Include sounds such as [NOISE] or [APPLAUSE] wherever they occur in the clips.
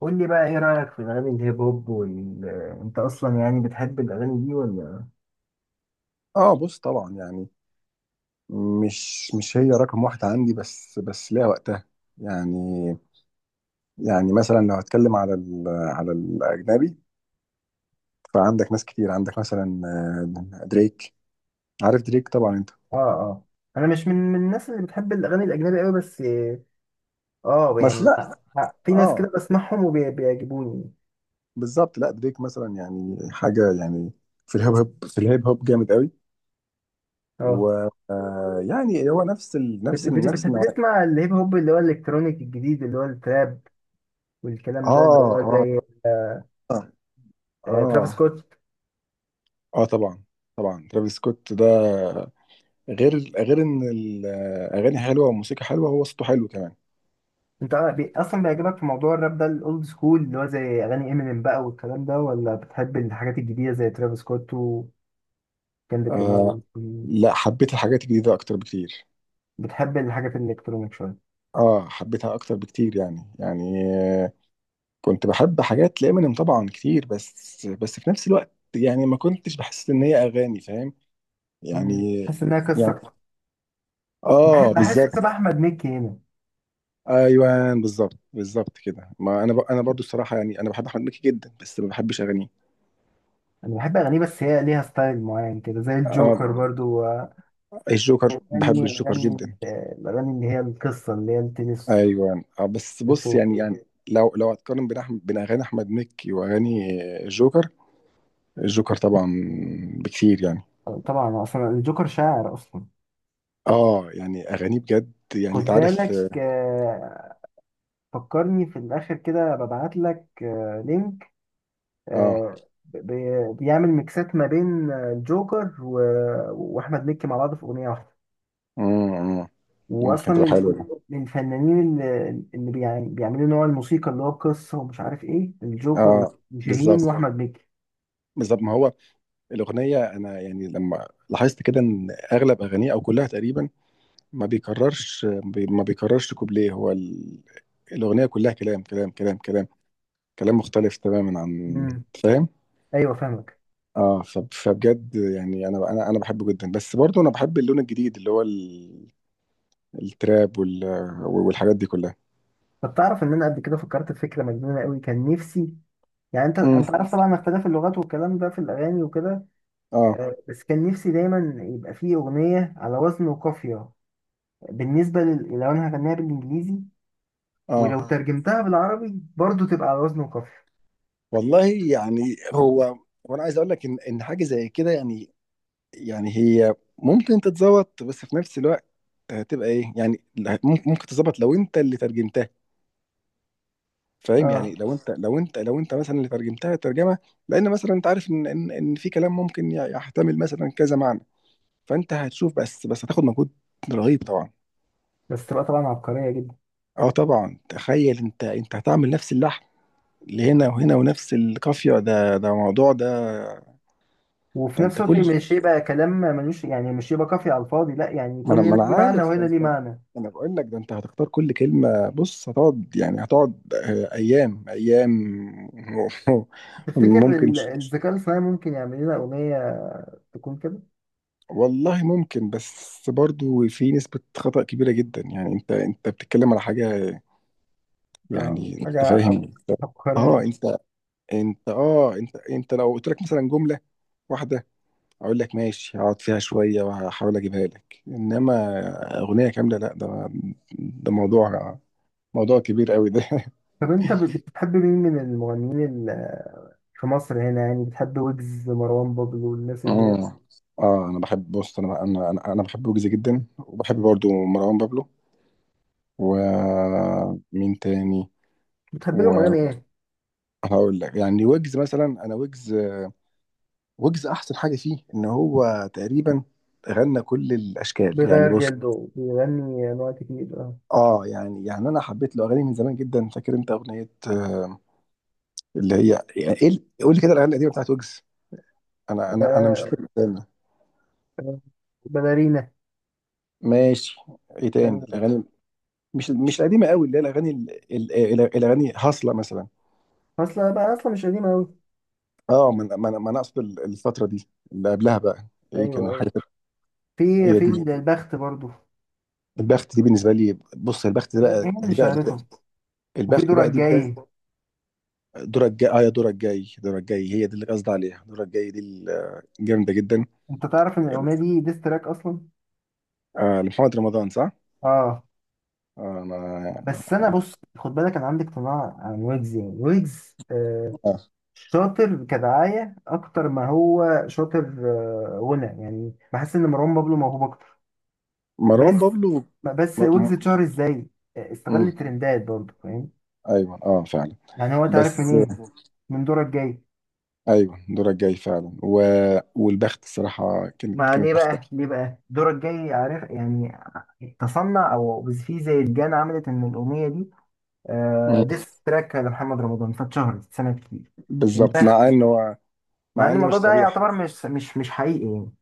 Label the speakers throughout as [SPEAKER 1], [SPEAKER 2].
[SPEAKER 1] قول لي بقى، ايه رأيك في اغاني الهيب هوب انت اصلا يعني بتحب الاغاني دي ولا؟
[SPEAKER 2] اه، بص طبعا يعني. مش هي رقم واحد عندي، بس ليها وقتها. يعني يعني مثلا لو هتكلم على ال على الاجنبي، فعندك ناس كتير. عندك مثلا دريك. عارف دريك طبعا انت.
[SPEAKER 1] اه، اه. انا مش من الناس اللي بتحب الاغاني الاجنبي قوي، بس اه
[SPEAKER 2] بس
[SPEAKER 1] يعني
[SPEAKER 2] لا.
[SPEAKER 1] في ناس
[SPEAKER 2] اه،
[SPEAKER 1] كده بسمعهم وبيعجبوني.
[SPEAKER 2] بالظبط. لا، دريك مثلا يعني حاجه يعني. في الهيب هوب جامد قوي. و
[SPEAKER 1] اه.
[SPEAKER 2] آه، يعني هو نفس ال نفس ال نفس النوع.
[SPEAKER 1] بتسمع الهيب هوب اللي هو الالكترونيك الجديد، اللي هو التراب والكلام ده، اللي
[SPEAKER 2] اه،
[SPEAKER 1] هو
[SPEAKER 2] اه،
[SPEAKER 1] زي ترافيس
[SPEAKER 2] اه،
[SPEAKER 1] سكوت.
[SPEAKER 2] اه، طبعا. طبعا، ترافيس سكوت ده غير ان الاغاني حلوه والموسيقى حلوه، هو صوته حلو كمان.
[SPEAKER 1] انت اصلا بيعجبك في موضوع الراب ده الاولد سكول اللي هو زي اغاني امينيم بقى والكلام ده، ولا بتحب الحاجات الجديدة زي ترافيس سكوت وكندريك لامار؟
[SPEAKER 2] آه، لا، حبيت الحاجات الجديده اكتر بكتير.
[SPEAKER 1] بتحب الحاجات الالكترونيك شويه.
[SPEAKER 2] اه، حبيتها اكتر بكتير. يعني كنت بحب حاجات لإمينيم طبعا كتير، بس في نفس الوقت يعني ما كنتش بحس ان هي اغاني، فاهم.
[SPEAKER 1] مم.
[SPEAKER 2] يعني
[SPEAKER 1] بحس انها قصه
[SPEAKER 2] يعني
[SPEAKER 1] أكتر.
[SPEAKER 2] اه،
[SPEAKER 1] بحس
[SPEAKER 2] بالظبط.
[SPEAKER 1] مثلا احمد مكي هنا.
[SPEAKER 2] ايوه، بالظبط بالظبط كده. ما انا برضو الصراحه، يعني انا بحب احمد مكي جدا، بس ما بحبش اغانيه.
[SPEAKER 1] انا بحب اغانيه، بس هي ليها ستايل معين كده زي
[SPEAKER 2] آه،
[SPEAKER 1] الجوكر برضو.
[SPEAKER 2] الجوكر. بحب
[SPEAKER 1] اغاني،
[SPEAKER 2] الجوكر
[SPEAKER 1] اغاني،
[SPEAKER 2] جدا.
[SPEAKER 1] الاغاني اللي هي القصه، اللي هي التنس.
[SPEAKER 2] ايوه، بس بص يعني لو هتقارن بين اغاني احمد مكي واغاني الجوكر. الجوكر طبعا بكتير يعني.
[SPEAKER 1] طبعا اصلا الجوكر شاعر اصلا.
[SPEAKER 2] اه، يعني اغاني بجد، يعني
[SPEAKER 1] خد
[SPEAKER 2] انت عارف.
[SPEAKER 1] بالك. فكرني في الاخر كده ببعت لك لينك.
[SPEAKER 2] اه.
[SPEAKER 1] بيعمل ميكسات ما بين الجوكر واحمد مكي مع بعض في اغنيه واحده.
[SPEAKER 2] امم ممكن
[SPEAKER 1] واصلا
[SPEAKER 2] تبقى
[SPEAKER 1] من
[SPEAKER 2] حلوه دي.
[SPEAKER 1] الفنانين اللي بيعملوا نوع الموسيقى اللي هو قصه، ومش عارف ايه، الجوكر
[SPEAKER 2] اه،
[SPEAKER 1] وشاهين بالظبط
[SPEAKER 2] بالظبط.
[SPEAKER 1] واحمد مكي.
[SPEAKER 2] بالظبط ما هو الاغنيه، انا يعني لما لاحظت كده ان اغلب اغانيه او كلها تقريبا ما بيكررش كوبليه. هو الاغنيه كلها كلام كلام كلام كلام، كلام مختلف تماما عن،
[SPEAKER 1] امم،
[SPEAKER 2] فاهم.
[SPEAKER 1] ايوه فاهمك.
[SPEAKER 2] اه، فبجد يعني انا بحبه جدا، بس برضه انا بحب اللون الجديد اللي هو التراب والحاجات دي كلها.
[SPEAKER 1] طب تعرف ان انا قبل كده فكرت في فكره مجنونه قوي. كان نفسي، يعني انت
[SPEAKER 2] امم
[SPEAKER 1] انت عارف طبعا اختلاف اللغات والكلام ده في الاغاني وكده،
[SPEAKER 2] اه،
[SPEAKER 1] بس كان نفسي دايما يبقى فيه اغنيه على وزن وقافيه. لو انا هغنيها بالانجليزي،
[SPEAKER 2] اه.
[SPEAKER 1] ولو ترجمتها بالعربي برضو تبقى على وزن وقافيه.
[SPEAKER 2] والله يعني هو، وانا عايز اقول لك ان حاجه زي كده يعني هي ممكن تتظبط، بس في نفس الوقت هتبقى ايه يعني، ممكن تتظبط لو انت اللي ترجمتها. فاهم، يعني
[SPEAKER 1] اه،
[SPEAKER 2] لو انت مثلا اللي ترجمتها ترجمه، لان مثلا انت عارف ان ان إن في كلام ممكن يحتمل مثلا كذا معنى، فانت هتشوف، بس هتاخد مجهود رهيب طبعا.
[SPEAKER 1] بس تبقى طبعا عبقريه جدا.
[SPEAKER 2] اه طبعا، تخيل انت هتعمل نفس اللحن اللي هنا وهنا ونفس القافيه. ده موضوع ده.
[SPEAKER 1] وفي
[SPEAKER 2] ده
[SPEAKER 1] نفس
[SPEAKER 2] انت
[SPEAKER 1] الوقت
[SPEAKER 2] كل،
[SPEAKER 1] مش يبقى كلام ملوش يعني، مش يبقى كافي على الفاضي، لا يعني
[SPEAKER 2] ما انا
[SPEAKER 1] يكون
[SPEAKER 2] ما
[SPEAKER 1] هنا
[SPEAKER 2] انا
[SPEAKER 1] ليه معنى
[SPEAKER 2] عارف، ده
[SPEAKER 1] وهنا ليه
[SPEAKER 2] انت.
[SPEAKER 1] معنى.
[SPEAKER 2] انا بقول لك ده انت هتختار كل كلمه، بص، هتقعد يعني، هتقعد ايام ايام. [LAUGHS]
[SPEAKER 1] تفتكر
[SPEAKER 2] ممكن.
[SPEAKER 1] الذكاء الاصطناعي ممكن يعمل لنا أغنية تكون كده؟
[SPEAKER 2] والله ممكن، بس برضو في نسبه خطأ كبيره جدا يعني. انت بتتكلم على حاجه
[SPEAKER 1] اه،
[SPEAKER 2] يعني،
[SPEAKER 1] حاجة
[SPEAKER 2] انت فاهم.
[SPEAKER 1] عبقرية.
[SPEAKER 2] اه، انت لو قلت لك مثلا جمله واحده، اقول لك ماشي، هقعد فيها شويه وهحاول اجيبها لك، انما اغنيه كامله لا. ده موضوع كبير قوي ده. [LAUGHS]
[SPEAKER 1] طب أنت بتحب مين من المغنيين ال- في مصر هنا يعني؟ بتحب ويجز، مروان بابلو، والناس اللي هي؟
[SPEAKER 2] اه، اه، انا بحب، بص، انا انا انا أنا بحب ويجز جدا، وبحب برضو مروان بابلو. ومين تاني.
[SPEAKER 1] بتحب لهم أغاني إيه؟
[SPEAKER 2] وهقول لك يعني، ويجز مثلا، انا ويجز احسن حاجه فيه ان هو تقريبا غنى كل الاشكال يعني،
[SPEAKER 1] بيغير
[SPEAKER 2] بص.
[SPEAKER 1] جلده، بيغني أنواع كتير، اه.
[SPEAKER 2] اه، يعني انا حبيت له اغاني من زمان جدا. فاكر انت اغنيه اللي هي، يعني ايه قول لي كده الاغاني القديمه بتاعت ويجز. انا مش
[SPEAKER 1] آه،
[SPEAKER 2] فاكر، استنى.
[SPEAKER 1] باليرينا.
[SPEAKER 2] ماشي. ايه تاني
[SPEAKER 1] آه،
[SPEAKER 2] الاغاني. مش القديمه قوي، اللي هي الاغاني الاغاني هاصله مثلا.
[SPEAKER 1] أصلا بقى، أصلا مش قديم أوي.
[SPEAKER 2] اه، ما أنا اقصد الفتره دي اللي قبلها بقى، ايه
[SPEAKER 1] أيوه،
[SPEAKER 2] كانوا
[SPEAKER 1] أيوه.
[SPEAKER 2] حاجه.
[SPEAKER 1] في
[SPEAKER 2] هي
[SPEAKER 1] في
[SPEAKER 2] دي.
[SPEAKER 1] البخت برضو.
[SPEAKER 2] البخت دي بالنسبه لي، بص، البخت ده
[SPEAKER 1] هي
[SPEAKER 2] بقى،
[SPEAKER 1] اللي
[SPEAKER 2] دي بقى
[SPEAKER 1] شهرته، وفي
[SPEAKER 2] البخت
[SPEAKER 1] دورك
[SPEAKER 2] بقى دي بدا.
[SPEAKER 1] جاي.
[SPEAKER 2] دورك جاي، اه، يا دورك جاي. دورك جاي هي دي اللي قصدي عليها. دورك جاي دي جامده جدا.
[SPEAKER 1] انت تعرف ان الاغنيه دي ديس تراك اصلا.
[SPEAKER 2] آه، لمحمد رمضان، صح؟
[SPEAKER 1] اه،
[SPEAKER 2] انا
[SPEAKER 1] بس انا بص، خد بالك، انا عندي اقتناع عن ويجز. يعني ويجز
[SPEAKER 2] آه.
[SPEAKER 1] شاطر كدعايه اكتر ما هو شاطر. غنى يعني. بحس ان مروان بابلو موهوب اكتر،
[SPEAKER 2] مروان
[SPEAKER 1] بس.
[SPEAKER 2] بابلو، م... م...
[SPEAKER 1] ويجز اتشهر ازاي؟
[SPEAKER 2] مم.
[SPEAKER 1] استغل ترندات برضه، فاهم.
[SPEAKER 2] ايوه، اه، فعلا،
[SPEAKER 1] يعني هو تعرف
[SPEAKER 2] بس.
[SPEAKER 1] منين؟ من دورك جاي.
[SPEAKER 2] ايوه، دورك جاي فعلا والبخت الصراحه، كانت
[SPEAKER 1] ما ليه
[SPEAKER 2] كانت
[SPEAKER 1] بقى؟ ليه بقى دورك جاي، عارف يعني؟ تصنع، او في زي الجان عملت ان الاغنيه دي
[SPEAKER 2] مم.
[SPEAKER 1] ديس تراك لمحمد رمضان، فاتشهرت سنة كتير.
[SPEAKER 2] بالظبط،
[SPEAKER 1] البخت بالظبط. مع
[SPEAKER 2] مع
[SPEAKER 1] ان
[SPEAKER 2] ان
[SPEAKER 1] الموضوع
[SPEAKER 2] مش
[SPEAKER 1] ده
[SPEAKER 2] صريحه.
[SPEAKER 1] يعتبر مش حقيقي يعني.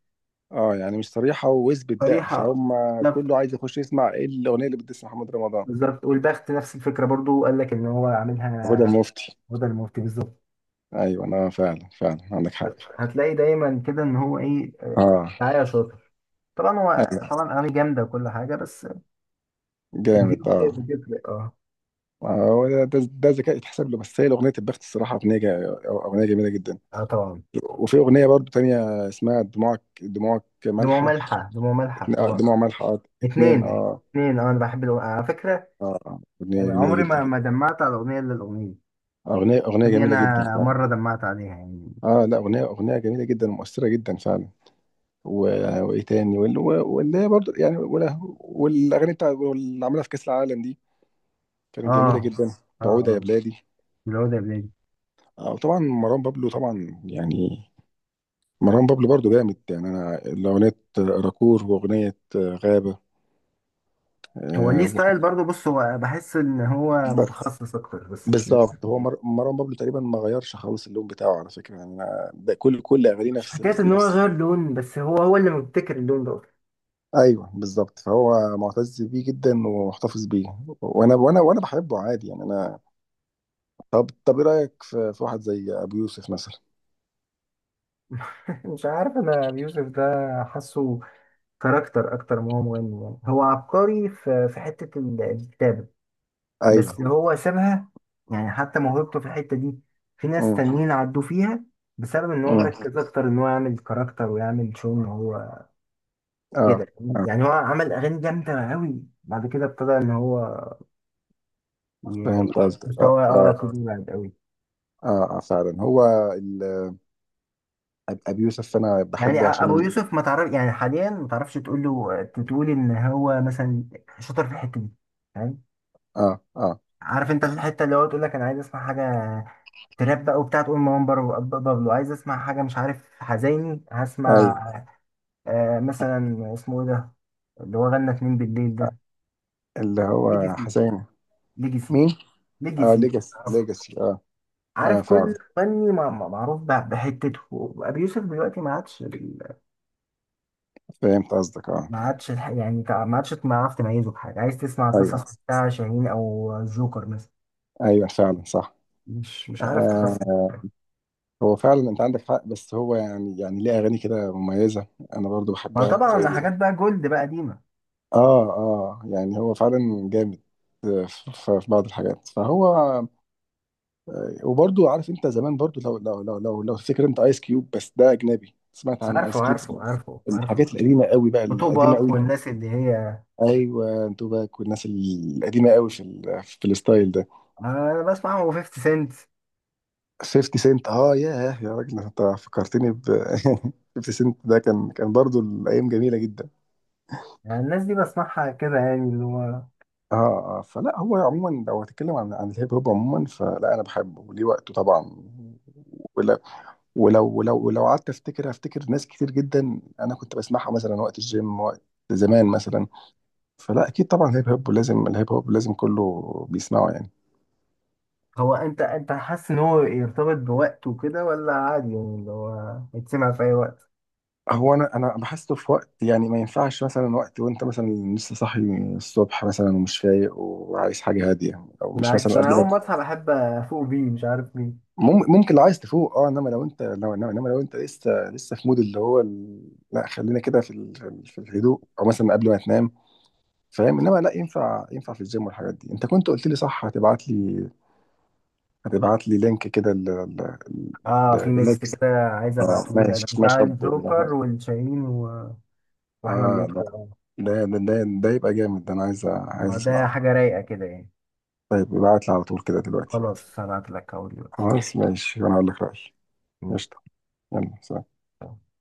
[SPEAKER 2] اه، يعني مش صريحه، واثبت بقى،
[SPEAKER 1] صريحة،
[SPEAKER 2] فهم.
[SPEAKER 1] لا.
[SPEAKER 2] كله عايز يخش يسمع ايه الاغنيه اللي بتسمع محمد رمضان.
[SPEAKER 1] بالظبط، والبخت نفس الفكرة برضو، قال لك ان هو
[SPEAKER 2] هدى
[SPEAKER 1] عاملها عشان
[SPEAKER 2] المفتي،
[SPEAKER 1] هدى المفتي بالظبط.
[SPEAKER 2] ايوه، انا فعلا فعلا عندك حق.
[SPEAKER 1] هتلاقي دايما كده ان هو ايه،
[SPEAKER 2] اه،
[SPEAKER 1] دعاية شاطر. طبعا هو
[SPEAKER 2] ايوه،
[SPEAKER 1] طبعا اغاني جامدة وكل حاجة، بس الفيو
[SPEAKER 2] جامد، اه.
[SPEAKER 1] بتفرق، اه.
[SPEAKER 2] هو ده، ده ذكاء يتحسب له، بس هي اغنيه البخت، الصراحه اغنيه جميله جدا.
[SPEAKER 1] اه طبعا.
[SPEAKER 2] وفي أغنية برضو تانية اسمها دموعك
[SPEAKER 1] دموع
[SPEAKER 2] مالحة.
[SPEAKER 1] ملحة، دموع ملحة طبعا.
[SPEAKER 2] دموع مالحة،
[SPEAKER 1] اتنين،
[SPEAKER 2] اتنين،
[SPEAKER 1] اتنين،
[SPEAKER 2] اه.
[SPEAKER 1] اتنين، اه. انا بحب على فكرة
[SPEAKER 2] اه، أغنية جميلة
[SPEAKER 1] عمري
[SPEAKER 2] جدا.
[SPEAKER 1] ما دمعت على اغنية الا الاغنية
[SPEAKER 2] أغنية
[SPEAKER 1] دي.
[SPEAKER 2] جميلة
[SPEAKER 1] انا
[SPEAKER 2] جدا فعلا.
[SPEAKER 1] مره دمعت عليها يعني.
[SPEAKER 2] اه، لا، أغنية جميلة جدا ومؤثرة جدا فعلا. وإيه تاني. واللي هي برضو يعني، والأغاني بتاع اللي عملها في كأس العالم دي
[SPEAKER 1] اه،
[SPEAKER 2] كانت جميلة
[SPEAKER 1] اه،
[SPEAKER 2] جدا.
[SPEAKER 1] اه،
[SPEAKER 2] بعودة يا
[SPEAKER 1] اه.
[SPEAKER 2] بلادي.
[SPEAKER 1] اللي هو ده بلادي.
[SPEAKER 2] آه، وطبعا مروان بابلو طبعا يعني. مروان بابلو برضو جامد يعني. أنا الأغنية راكور وأغنية غابة.
[SPEAKER 1] هو ليه ستايل برضه، بص. هو بحس ان هو
[SPEAKER 2] آه،
[SPEAKER 1] متخصص اكتر بس.
[SPEAKER 2] بالظبط، هو مروان بابلو تقريبا ما غيرش خالص اللون بتاعه على فكره، يعني أنا ده كل اغانيه
[SPEAKER 1] مش
[SPEAKER 2] نفس
[SPEAKER 1] حكاية إن هو
[SPEAKER 2] نفس.
[SPEAKER 1] غير لون، بس هو، هو اللي مبتكر اللون ده.
[SPEAKER 2] ايوه، بالظبط، فهو معتز بيه جدا ومحتفظ بيه. وانا بحبه عادي يعني، انا. طب ايه رايك في واحد زي ابو يوسف مثلا.
[SPEAKER 1] [LAUGHS] مش عارف أنا يوسف ده. حاسه كاركتر أكتر ما هو مغني. يعني هو عبقري في في حتة الكتابة،
[SPEAKER 2] ايوه.
[SPEAKER 1] بس هو سابها. يعني حتى موهبته في الحتة دي في ناس
[SPEAKER 2] امم،
[SPEAKER 1] تانيين عدوا فيها، بسبب إن هو
[SPEAKER 2] امم.
[SPEAKER 1] مركز أكتر إن هو يعمل كاركتر ويعمل شو إن هو
[SPEAKER 2] اه،
[SPEAKER 1] كده.
[SPEAKER 2] اه،
[SPEAKER 1] يعني هو عمل اغاني جامده قوي، بعد كده ابتدى ان هو ي-
[SPEAKER 2] فهمت قصدك. اه،
[SPEAKER 1] مستواه، اه،
[SPEAKER 2] اه،
[SPEAKER 1] ابتدى يبعد قوي.
[SPEAKER 2] اه. فعلا هو ال... ابو يوسف انا
[SPEAKER 1] يعني
[SPEAKER 2] بحبه
[SPEAKER 1] ابو
[SPEAKER 2] عشان،
[SPEAKER 1] يوسف ما تعرف يعني حاليا، ما تعرفش تقول له، تقول ان هو مثلا شاطر في الحته دي، فاهم.
[SPEAKER 2] اه، اه،
[SPEAKER 1] عارف انت في الحته اللي هو تقول لك انا عايز اسمع حاجه تراب بقى وبتاع، تقول مروان بابلو، عايز اسمع حاجه مش عارف حزيني هسمع.
[SPEAKER 2] ايوه.
[SPEAKER 1] آه، مثلا اسمه ايه ده اللي هو غنى اتنين بالليل ده؟
[SPEAKER 2] اللي هو
[SPEAKER 1] ليجاسي.
[SPEAKER 2] حسين.
[SPEAKER 1] ليجاسي.
[SPEAKER 2] مين. اه،
[SPEAKER 1] ليجاسي.
[SPEAKER 2] ليجاسي. ليجاسي، اه. اه،
[SPEAKER 1] عارف
[SPEAKER 2] فعلا،
[SPEAKER 1] كل فني معروف بحتته. ابي يوسف دلوقتي ما عادش
[SPEAKER 2] فهمت قصدك، اه.
[SPEAKER 1] ما عادش يعني ما عادش تعرف تميزه بحاجه. عايز تسمع قصص
[SPEAKER 2] ايوه،
[SPEAKER 1] بتاع شاهين او الجوكر مثلا.
[SPEAKER 2] ايوه، فعلا، صح.
[SPEAKER 1] مش مش عارف تخصص.
[SPEAKER 2] آه، هو فعلا انت عندك حق، بس هو يعني ليه اغاني كده مميزه، انا برضو
[SPEAKER 1] ما
[SPEAKER 2] بحبها
[SPEAKER 1] طبعا
[SPEAKER 2] زي.
[SPEAKER 1] حاجات بقى جولد بقى قديمه.
[SPEAKER 2] اه، اه، يعني هو فعلا جامد في في بعض الحاجات. فهو وبرضو عارف انت زمان برضو، لو تفتكر انت ايس كيوب، بس ده اجنبي. سمعت عن
[SPEAKER 1] عارفه،
[SPEAKER 2] ايس كيوب.
[SPEAKER 1] عارفه، عارفه،
[SPEAKER 2] الحاجات
[SPEAKER 1] عارفه.
[SPEAKER 2] القديمه قوي بقى، القديمه
[SPEAKER 1] وتوباك
[SPEAKER 2] قوي.
[SPEAKER 1] والناس اللي هي.
[SPEAKER 2] ايوه، توباك والناس القديمه قوي في في الستايل ده.
[SPEAKER 1] انا بسمعهم و50 سنت.
[SPEAKER 2] 50 سنت، اه، ياه، يا راجل، انت فكرتني ب. [LAUGHS] 50 سنت ده، كان برضو، الايام جميله جدا.
[SPEAKER 1] يعني الناس دي بسمعها كده يعني، اللي هو.
[SPEAKER 2] اه، اه، فلا هو عموما لو هتكلم عن الهيب هوب عموما، فلا انا بحبه وليه وقته طبعا. ولو ولو قعدت افتكر ناس كتير جدا انا كنت بسمعها مثلا وقت الجيم، وقت زمان مثلا. فلا اكيد طبعا الهيب هوب لازم كله بيسمعه يعني.
[SPEAKER 1] هو انت حاسس ان هو يرتبط بوقته كده ولا عادي، يعني اللي هو يتسمع في اي وقت؟
[SPEAKER 2] هو، انا بحسه في وقت يعني، ما ينفعش مثلا وقت وانت مثلا لسه صاحي الصبح مثلا ومش فايق وعايز حاجه هاديه، او مش
[SPEAKER 1] بالعكس
[SPEAKER 2] مثلا
[SPEAKER 1] انا اول
[SPEAKER 2] قبل
[SPEAKER 1] ما اصحى بحب افوق بيه، مش عارف ليه.
[SPEAKER 2] ما ممكن لو عايز تفوق، اه، انما لو انت لو انما إنما لو انت لسه في مود اللي هو لا، خلينا كده في الهدوء، او مثلا قبل ما تنام. فاهم، انما لا، ينفع في الجيم والحاجات دي. انت كنت قلت لي صح هتبعت لي لينك كده
[SPEAKER 1] اه، في ميكس
[SPEAKER 2] لنكست.
[SPEAKER 1] كده عايز
[SPEAKER 2] آه، ماشي،
[SPEAKER 1] ابعتهولك بتاع
[SPEAKER 2] ماشي، يا رب يا احمد.
[SPEAKER 1] الجوكر والشاهين واحمد
[SPEAKER 2] اه،
[SPEAKER 1] مكي،
[SPEAKER 2] لا،
[SPEAKER 1] اه.
[SPEAKER 2] ده يبقى جامد. ده انا عايز
[SPEAKER 1] ده
[SPEAKER 2] اسمعه.
[SPEAKER 1] حاجه رايقه كده يعني.
[SPEAKER 2] طيب، ابعت لي على طول كده دلوقتي.
[SPEAKER 1] خلاص هبعتلك اهو دلوقتي.
[SPEAKER 2] خلاص، قشطة، ماشي، وانا هقول لك رأيي. قشطة. يلا، سلام.
[SPEAKER 1] مم.